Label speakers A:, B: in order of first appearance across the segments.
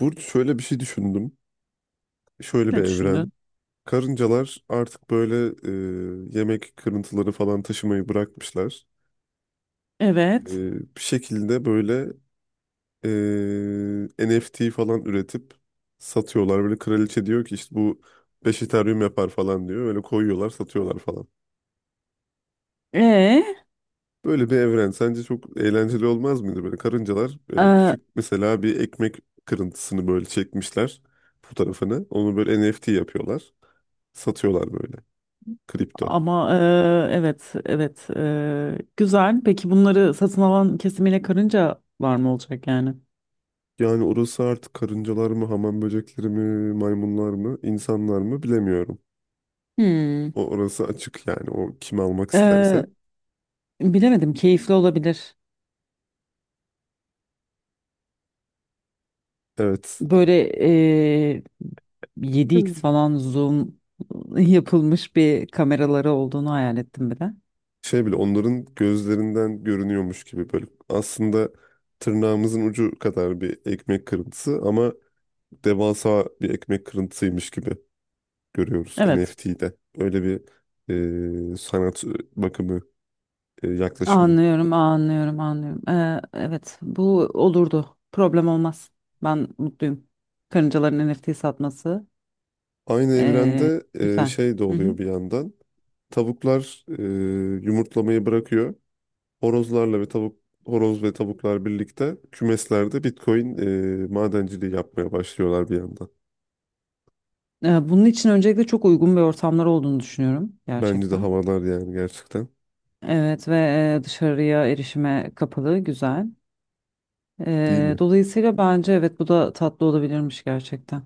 A: Burcu şöyle bir şey düşündüm. Şöyle bir
B: Ne
A: evren.
B: düşündün?
A: Karıncalar artık böyle yemek kırıntıları falan taşımayı bırakmışlar. E,
B: Evet.
A: Bir şekilde böyle e, NFT falan üretip satıyorlar. Böyle kraliçe diyor ki işte bu 5 Ethereum yapar falan diyor. Böyle koyuyorlar satıyorlar falan.
B: Ee,
A: Böyle bir evren sence çok eğlenceli olmaz mıydı? Böyle karıncalar böyle
B: Ee,
A: küçük, mesela bir ekmek kırıntısını böyle çekmişler fotoğrafını. Onu böyle NFT yapıyorlar. Satıyorlar böyle kripto.
B: ama evet, evet, güzel. Peki bunları satın alan kesimiyle karınca var mı olacak yani?
A: Yani orası artık karıncalar mı, hamam böcekleri mi, maymunlar mı, insanlar mı bilemiyorum.
B: Hmm.
A: O, orası açık yani, o kim almak isterse.
B: Ee, Bilemedim. Keyifli olabilir.
A: Evet.
B: Böyle ee, 7x
A: Hmm.
B: falan zoom yapılmış bir kameraları olduğunu hayal ettim bir de.
A: Şey bile onların gözlerinden görünüyormuş gibi böyle. Aslında tırnağımızın ucu kadar bir ekmek kırıntısı ama devasa bir ekmek kırıntısıymış gibi görüyoruz
B: Evet.
A: NFT'de. Öyle bir sanat bakımı, yaklaşımı.
B: Anlıyorum, anlıyorum, anlıyorum. Evet, bu olurdu. Problem olmaz. Ben mutluyum. Karıncaların NFT satması
A: Aynı
B: ee,
A: evrende
B: güzel.
A: şey de
B: Hı hı.
A: oluyor bir yandan. Tavuklar yumurtlamayı bırakıyor. Horozlarla ve horoz ve tavuklar birlikte kümeslerde Bitcoin madenciliği yapmaya başlıyorlar bir yandan.
B: Bunun için öncelikle çok uygun bir ortamlar olduğunu düşünüyorum
A: Bence de
B: gerçekten.
A: havalar yani, gerçekten.
B: Evet ve dışarıya erişime kapalı, güzel.
A: Değil mi?
B: Dolayısıyla bence evet, bu da tatlı olabilirmiş gerçekten.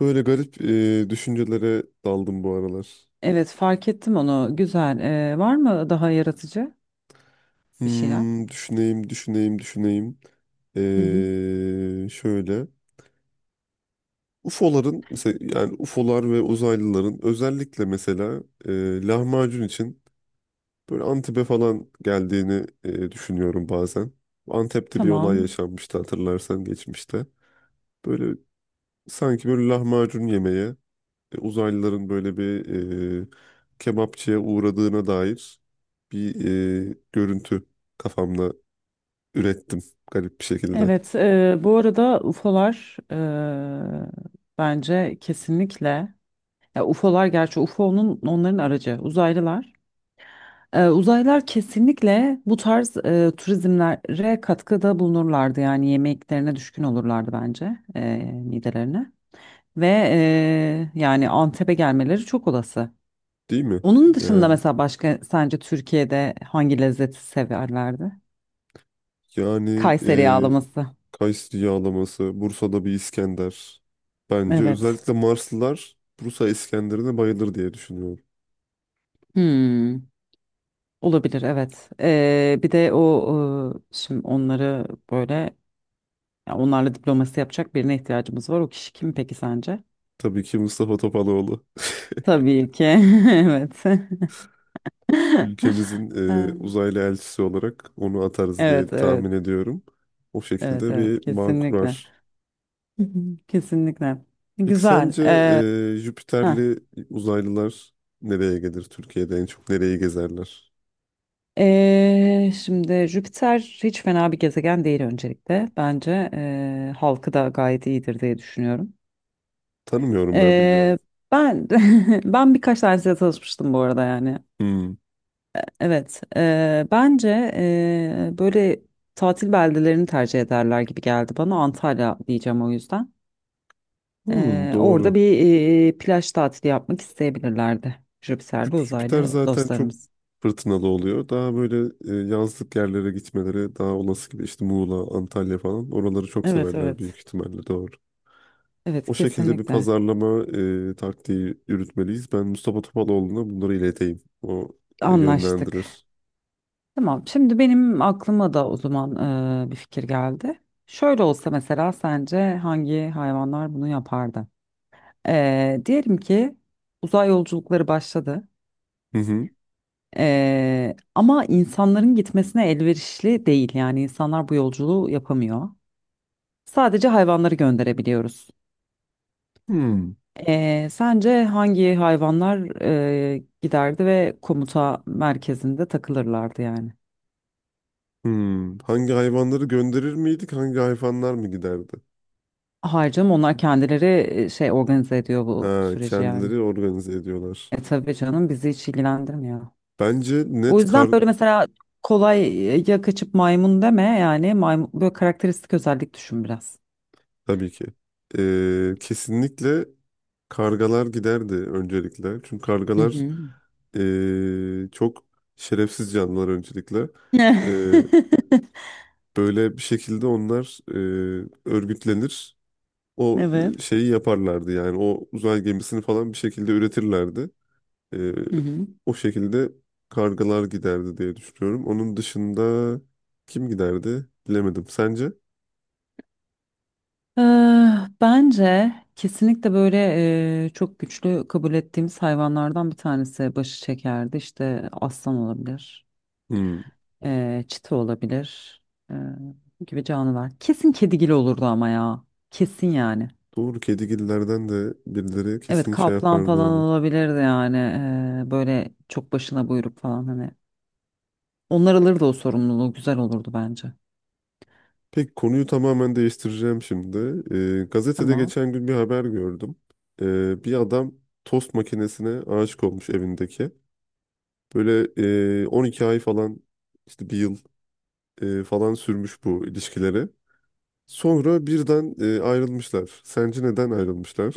A: Böyle garip düşüncelere daldım bu aralar.
B: Evet, fark ettim onu. Güzel. Var mı daha yaratıcı bir şeyler?
A: Hmm, düşüneyim, düşüneyim, düşüneyim.
B: Hı hı.
A: Şöyle. UFO'ların mesela, yani UFO'lar ve uzaylıların özellikle mesela lahmacun için böyle Antep'e falan geldiğini düşünüyorum bazen. Antep'te bir olay
B: Tamam.
A: yaşanmıştı, hatırlarsan, geçmişte. Böyle sanki böyle lahmacun yemeye uzaylıların böyle bir e, kebapçıya uğradığına dair bir görüntü kafamda ürettim garip bir şekilde.
B: Evet, bu arada UFO'lar e, bence kesinlikle, ya UFO'lar, gerçi UFO'nun onların aracı uzaylılar. Uzaylılar kesinlikle bu tarz turizmlere katkıda bulunurlardı yani yemeklerine düşkün olurlardı bence, midelerine ve yani Antep'e gelmeleri çok olası.
A: Değil mi?
B: Onun dışında
A: Yani
B: mesela başka sence Türkiye'de hangi lezzeti severlerdi?
A: yani
B: Kayseri
A: e,
B: yağlaması.
A: Kayseri yağlaması, Bursa'da bir İskender. Bence
B: Evet.
A: özellikle Marslılar Bursa İskender'ine bayılır diye düşünüyorum.
B: Hmm. Olabilir, evet. Bir de o şimdi onları böyle, ya onlarla diplomasi yapacak birine ihtiyacımız var. O kişi kim peki sence?
A: Tabii ki Mustafa Topaloğlu.
B: Tabii ki. Evet.
A: Ülkemizin
B: Ha.
A: uzaylı elçisi olarak onu atarız diye
B: Evet, evet.
A: tahmin ediyorum. O
B: Evet,
A: şekilde
B: evet,
A: bir bağ
B: kesinlikle.
A: kurar.
B: Hı hı. Kesinlikle.
A: Peki
B: Güzel.
A: sence
B: Heh.
A: Jüpiterli uzaylılar nereye gelir? Türkiye'de en çok nereyi gezerler?
B: Şimdi Jüpiter hiç fena bir gezegen değil öncelikle. Bence halkı da gayet iyidir diye düşünüyorum.
A: Tanımıyorum ben,
B: Ee,
A: bilmiyorum.
B: Ben ben birkaç tanesiyle tanışmıştım bu arada yani.
A: Hmm.
B: Evet, bence böyle tatil beldelerini tercih ederler gibi geldi bana. Antalya diyeceğim o yüzden.
A: Hmm,
B: Orada
A: doğru.
B: bir plaj tatili yapmak isteyebilirlerdi. Jüpiter'de
A: Jüpiter
B: uzaylı
A: zaten çok
B: dostlarımız.
A: fırtınalı oluyor. Daha böyle yazlık yerlere gitmeleri daha olası gibi, işte Muğla, Antalya falan. Oraları çok
B: Evet,
A: severler büyük
B: evet.
A: ihtimalle, doğru.
B: Evet,
A: O şekilde bir
B: kesinlikle.
A: pazarlama taktiği yürütmeliyiz. Ben Mustafa Topaloğlu'na bunları ileteyim. O
B: Anlaştık.
A: yönlendirir.
B: Tamam, şimdi benim aklıma da o zaman bir fikir geldi. Şöyle olsa mesela sence hangi hayvanlar bunu yapardı? Eee, diyelim ki uzay yolculukları başladı.
A: Hı hı.
B: Ama insanların gitmesine elverişli değil yani insanlar bu yolculuğu yapamıyor. Sadece hayvanları gönderebiliyoruz.
A: Hmm.
B: Sence hangi hayvanlar giderdi ve komuta merkezinde takılırlardı yani?
A: Hmm. Hangi hayvanları gönderir miydik? Hangi hayvanlar mı giderdi?
B: Hayır canım, onlar kendileri şey organize ediyor bu
A: Ha,
B: süreci yani.
A: kendileri organize ediyorlar.
B: E tabii canım, bizi hiç ilgilendirmiyor.
A: Bence
B: O
A: net
B: yüzden
A: kar
B: böyle mesela kolay, ya kaçıp maymun deme yani maymun, böyle karakteristik özellik düşün biraz.
A: tabii ki. Kesinlikle kargalar giderdi öncelikle. Çünkü
B: Hı
A: kargalar
B: hı.
A: çok şerefsiz canlılar öncelikle. Böyle bir şekilde onlar örgütlenir. O
B: Evet.
A: şeyi yaparlardı, yani o uzay gemisini falan bir şekilde üretirlerdi. E,
B: Hı hı.
A: o şekilde kargalar giderdi diye düşünüyorum. Onun dışında kim giderdi bilemedim. Sence?
B: Bence kesinlikle böyle çok güçlü kabul ettiğimiz hayvanlardan bir tanesi başı çekerdi. İşte aslan olabilir,
A: Hmm,
B: eee, çita olabilir, eee, gibi canlılar. Kesin kedigil olurdu ama ya. Kesin yani.
A: doğru, kedigillerden de birileri
B: Evet,
A: kesin şey
B: kaplan
A: yapardı
B: falan
A: onu.
B: olabilirdi yani. Böyle çok başına buyruk falan hani. Onlar alırdı o sorumluluğu. Güzel olurdu bence.
A: Peki konuyu tamamen değiştireceğim şimdi. Gazetede
B: Tamam.
A: geçen gün bir haber gördüm. Bir adam tost makinesine aşık olmuş evindeki. Böyle 12 ay falan, işte bir yıl falan sürmüş bu ilişkileri. Sonra birden ayrılmışlar. Sence neden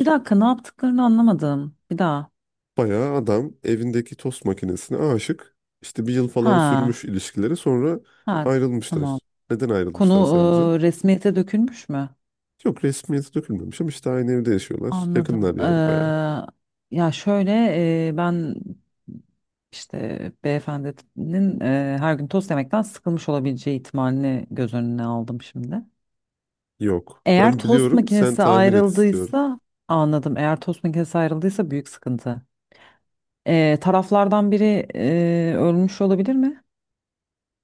B: Bir dakika, ne yaptıklarını anlamadım. Bir daha.
A: Bayağı adam evindeki tost makinesine aşık. İşte bir yıl falan
B: Ha.
A: sürmüş ilişkileri, sonra
B: Ha. Tamam.
A: ayrılmışlar. Neden
B: Konu
A: ayrılmışlar sence?
B: resmiyete dökülmüş mü?
A: Yok, resmiyeti dökülmemiş ama işte aynı evde yaşıyorlar. Yakınlar
B: Anladım.
A: yani, bayağı.
B: Ya şöyle, ben işte beyefendinin her gün tost yemekten sıkılmış olabileceği ihtimalini göz önüne aldım şimdi.
A: Yok.
B: Eğer
A: Ben
B: tost
A: biliyorum, sen
B: makinesi
A: tahmin et istiyorum.
B: ayrıldıysa anladım. Eğer tost makinesi ayrıldıysa büyük sıkıntı. Taraflardan biri ölmüş olabilir mi?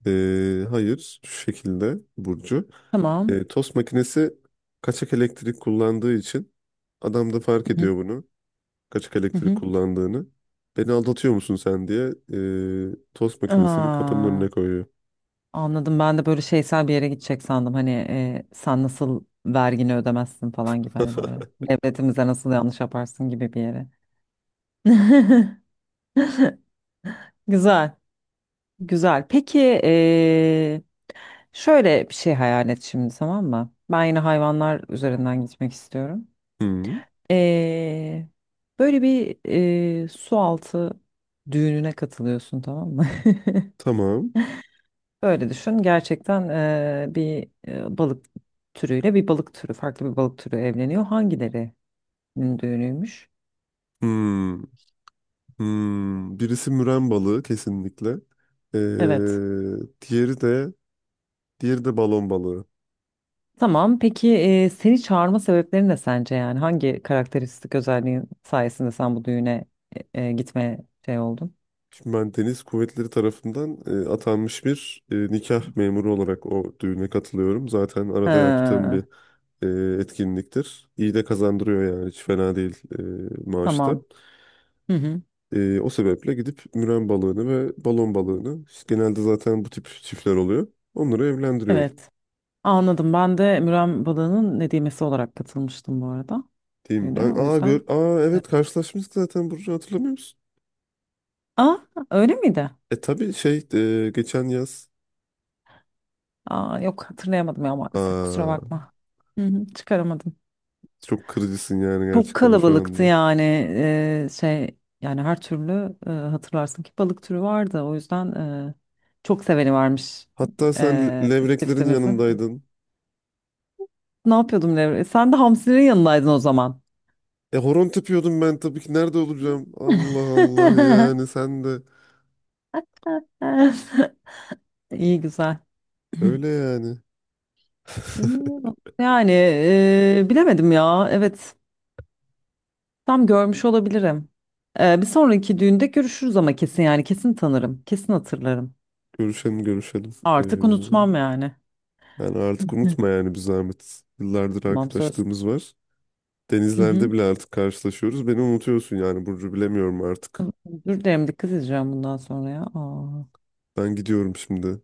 A: Hayır, şu şekilde Burcu.
B: Tamam.
A: Tost makinesi kaçak elektrik kullandığı için adam da fark
B: Hı hı.
A: ediyor bunu. Kaçak
B: hı
A: elektrik
B: hı.
A: kullandığını. Beni aldatıyor musun sen diye tost makinesini kapının
B: Aa.
A: önüne koyuyor.
B: Anladım. Ben de böyle şeysel bir yere gidecek sandım. Hani sen nasıl vergini ödemezsin falan gibi, hani böyle devletimize nasıl yanlış yaparsın gibi bir yere. Güzel, güzel. Peki şöyle bir şey hayal et şimdi tamam mı? Ben yine hayvanlar üzerinden gitmek istiyorum.
A: Hmm,
B: E, Böyle bir su altı düğününe katılıyorsun tamam mı?
A: tamam.
B: Öyle düşün. Gerçekten bir balık türüyle bir balık türü, farklı bir balık türü evleniyor. Hangilerinin düğünüymüş?
A: Hmm, hmm. Birisi müren balığı kesinlikle. Ee,
B: Evet.
A: diğeri de diğeri de balon balığı.
B: Tamam. Peki seni çağırma sebepleri ne sence yani? Hangi karakteristik özelliğin sayesinde sen bu düğüne gitmeye şey oldun?
A: Şimdi ben Deniz Kuvvetleri tarafından atanmış bir nikah memuru olarak o düğüne katılıyorum. Zaten arada yaptığım bir
B: Ha,
A: e, etkinliktir. İyi de kazandırıyor yani, hiç fena değil maaşta.
B: tamam. Hı hı.
A: O sebeple gidip müren balığını ve balon balığını, işte genelde zaten bu tip çiftler oluyor. Onları evlendiriyor
B: Evet. Anladım. Ben de Müren balığının nedimesi olarak katılmıştım bu arada
A: diyeyim.
B: düğüne.
A: Ben
B: O
A: aa gör
B: yüzden.
A: aa evet, karşılaşmıştık zaten Burcu, hatırlamıyor musun?
B: Aa, öyle miydi?
A: E tabii şey, geçen yaz
B: Aa, yok, hatırlayamadım ya maalesef, kusura
A: aa
B: bakma. Hı hı, çıkaramadım.
A: çok kırıcısın yani
B: Çok
A: gerçekten şu
B: kalabalıktı
A: anda.
B: yani, şey yani her türlü, hatırlarsın ki balık türü vardı. O yüzden e, çok seveni varmış
A: Hatta sen
B: e,
A: levreklerin
B: çiftimizi.
A: yanındaydın.
B: Ne yapıyordum Devre? Sen de hamsinin yanındaydın o zaman.
A: E horon tepiyordum ben tabii ki, nerede olacağım? Allah Allah, yani sen de
B: İyi, güzel.
A: öyle yani.
B: İyi. Yani bilemedim ya. Evet. Tam görmüş olabilirim. Bir sonraki düğünde görüşürüz ama kesin yani, kesin tanırım. Kesin hatırlarım.
A: Görüşelim, görüşelim.
B: Artık
A: Ee,
B: unutmam yani.
A: yani artık
B: Hı.
A: unutma yani, bir zahmet. Yıllardır
B: Tamam, söz.
A: arkadaşlığımız var.
B: Hı hı.
A: Denizlerde bile artık karşılaşıyoruz. Beni unutuyorsun yani Burcu, bilemiyorum artık.
B: Dur derim, dikkat edeceğim bundan sonra ya. Aa.
A: Ben gidiyorum şimdi.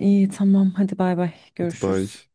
B: İyi tamam, hadi bay bay,
A: Hadi
B: görüşürüz.
A: bay.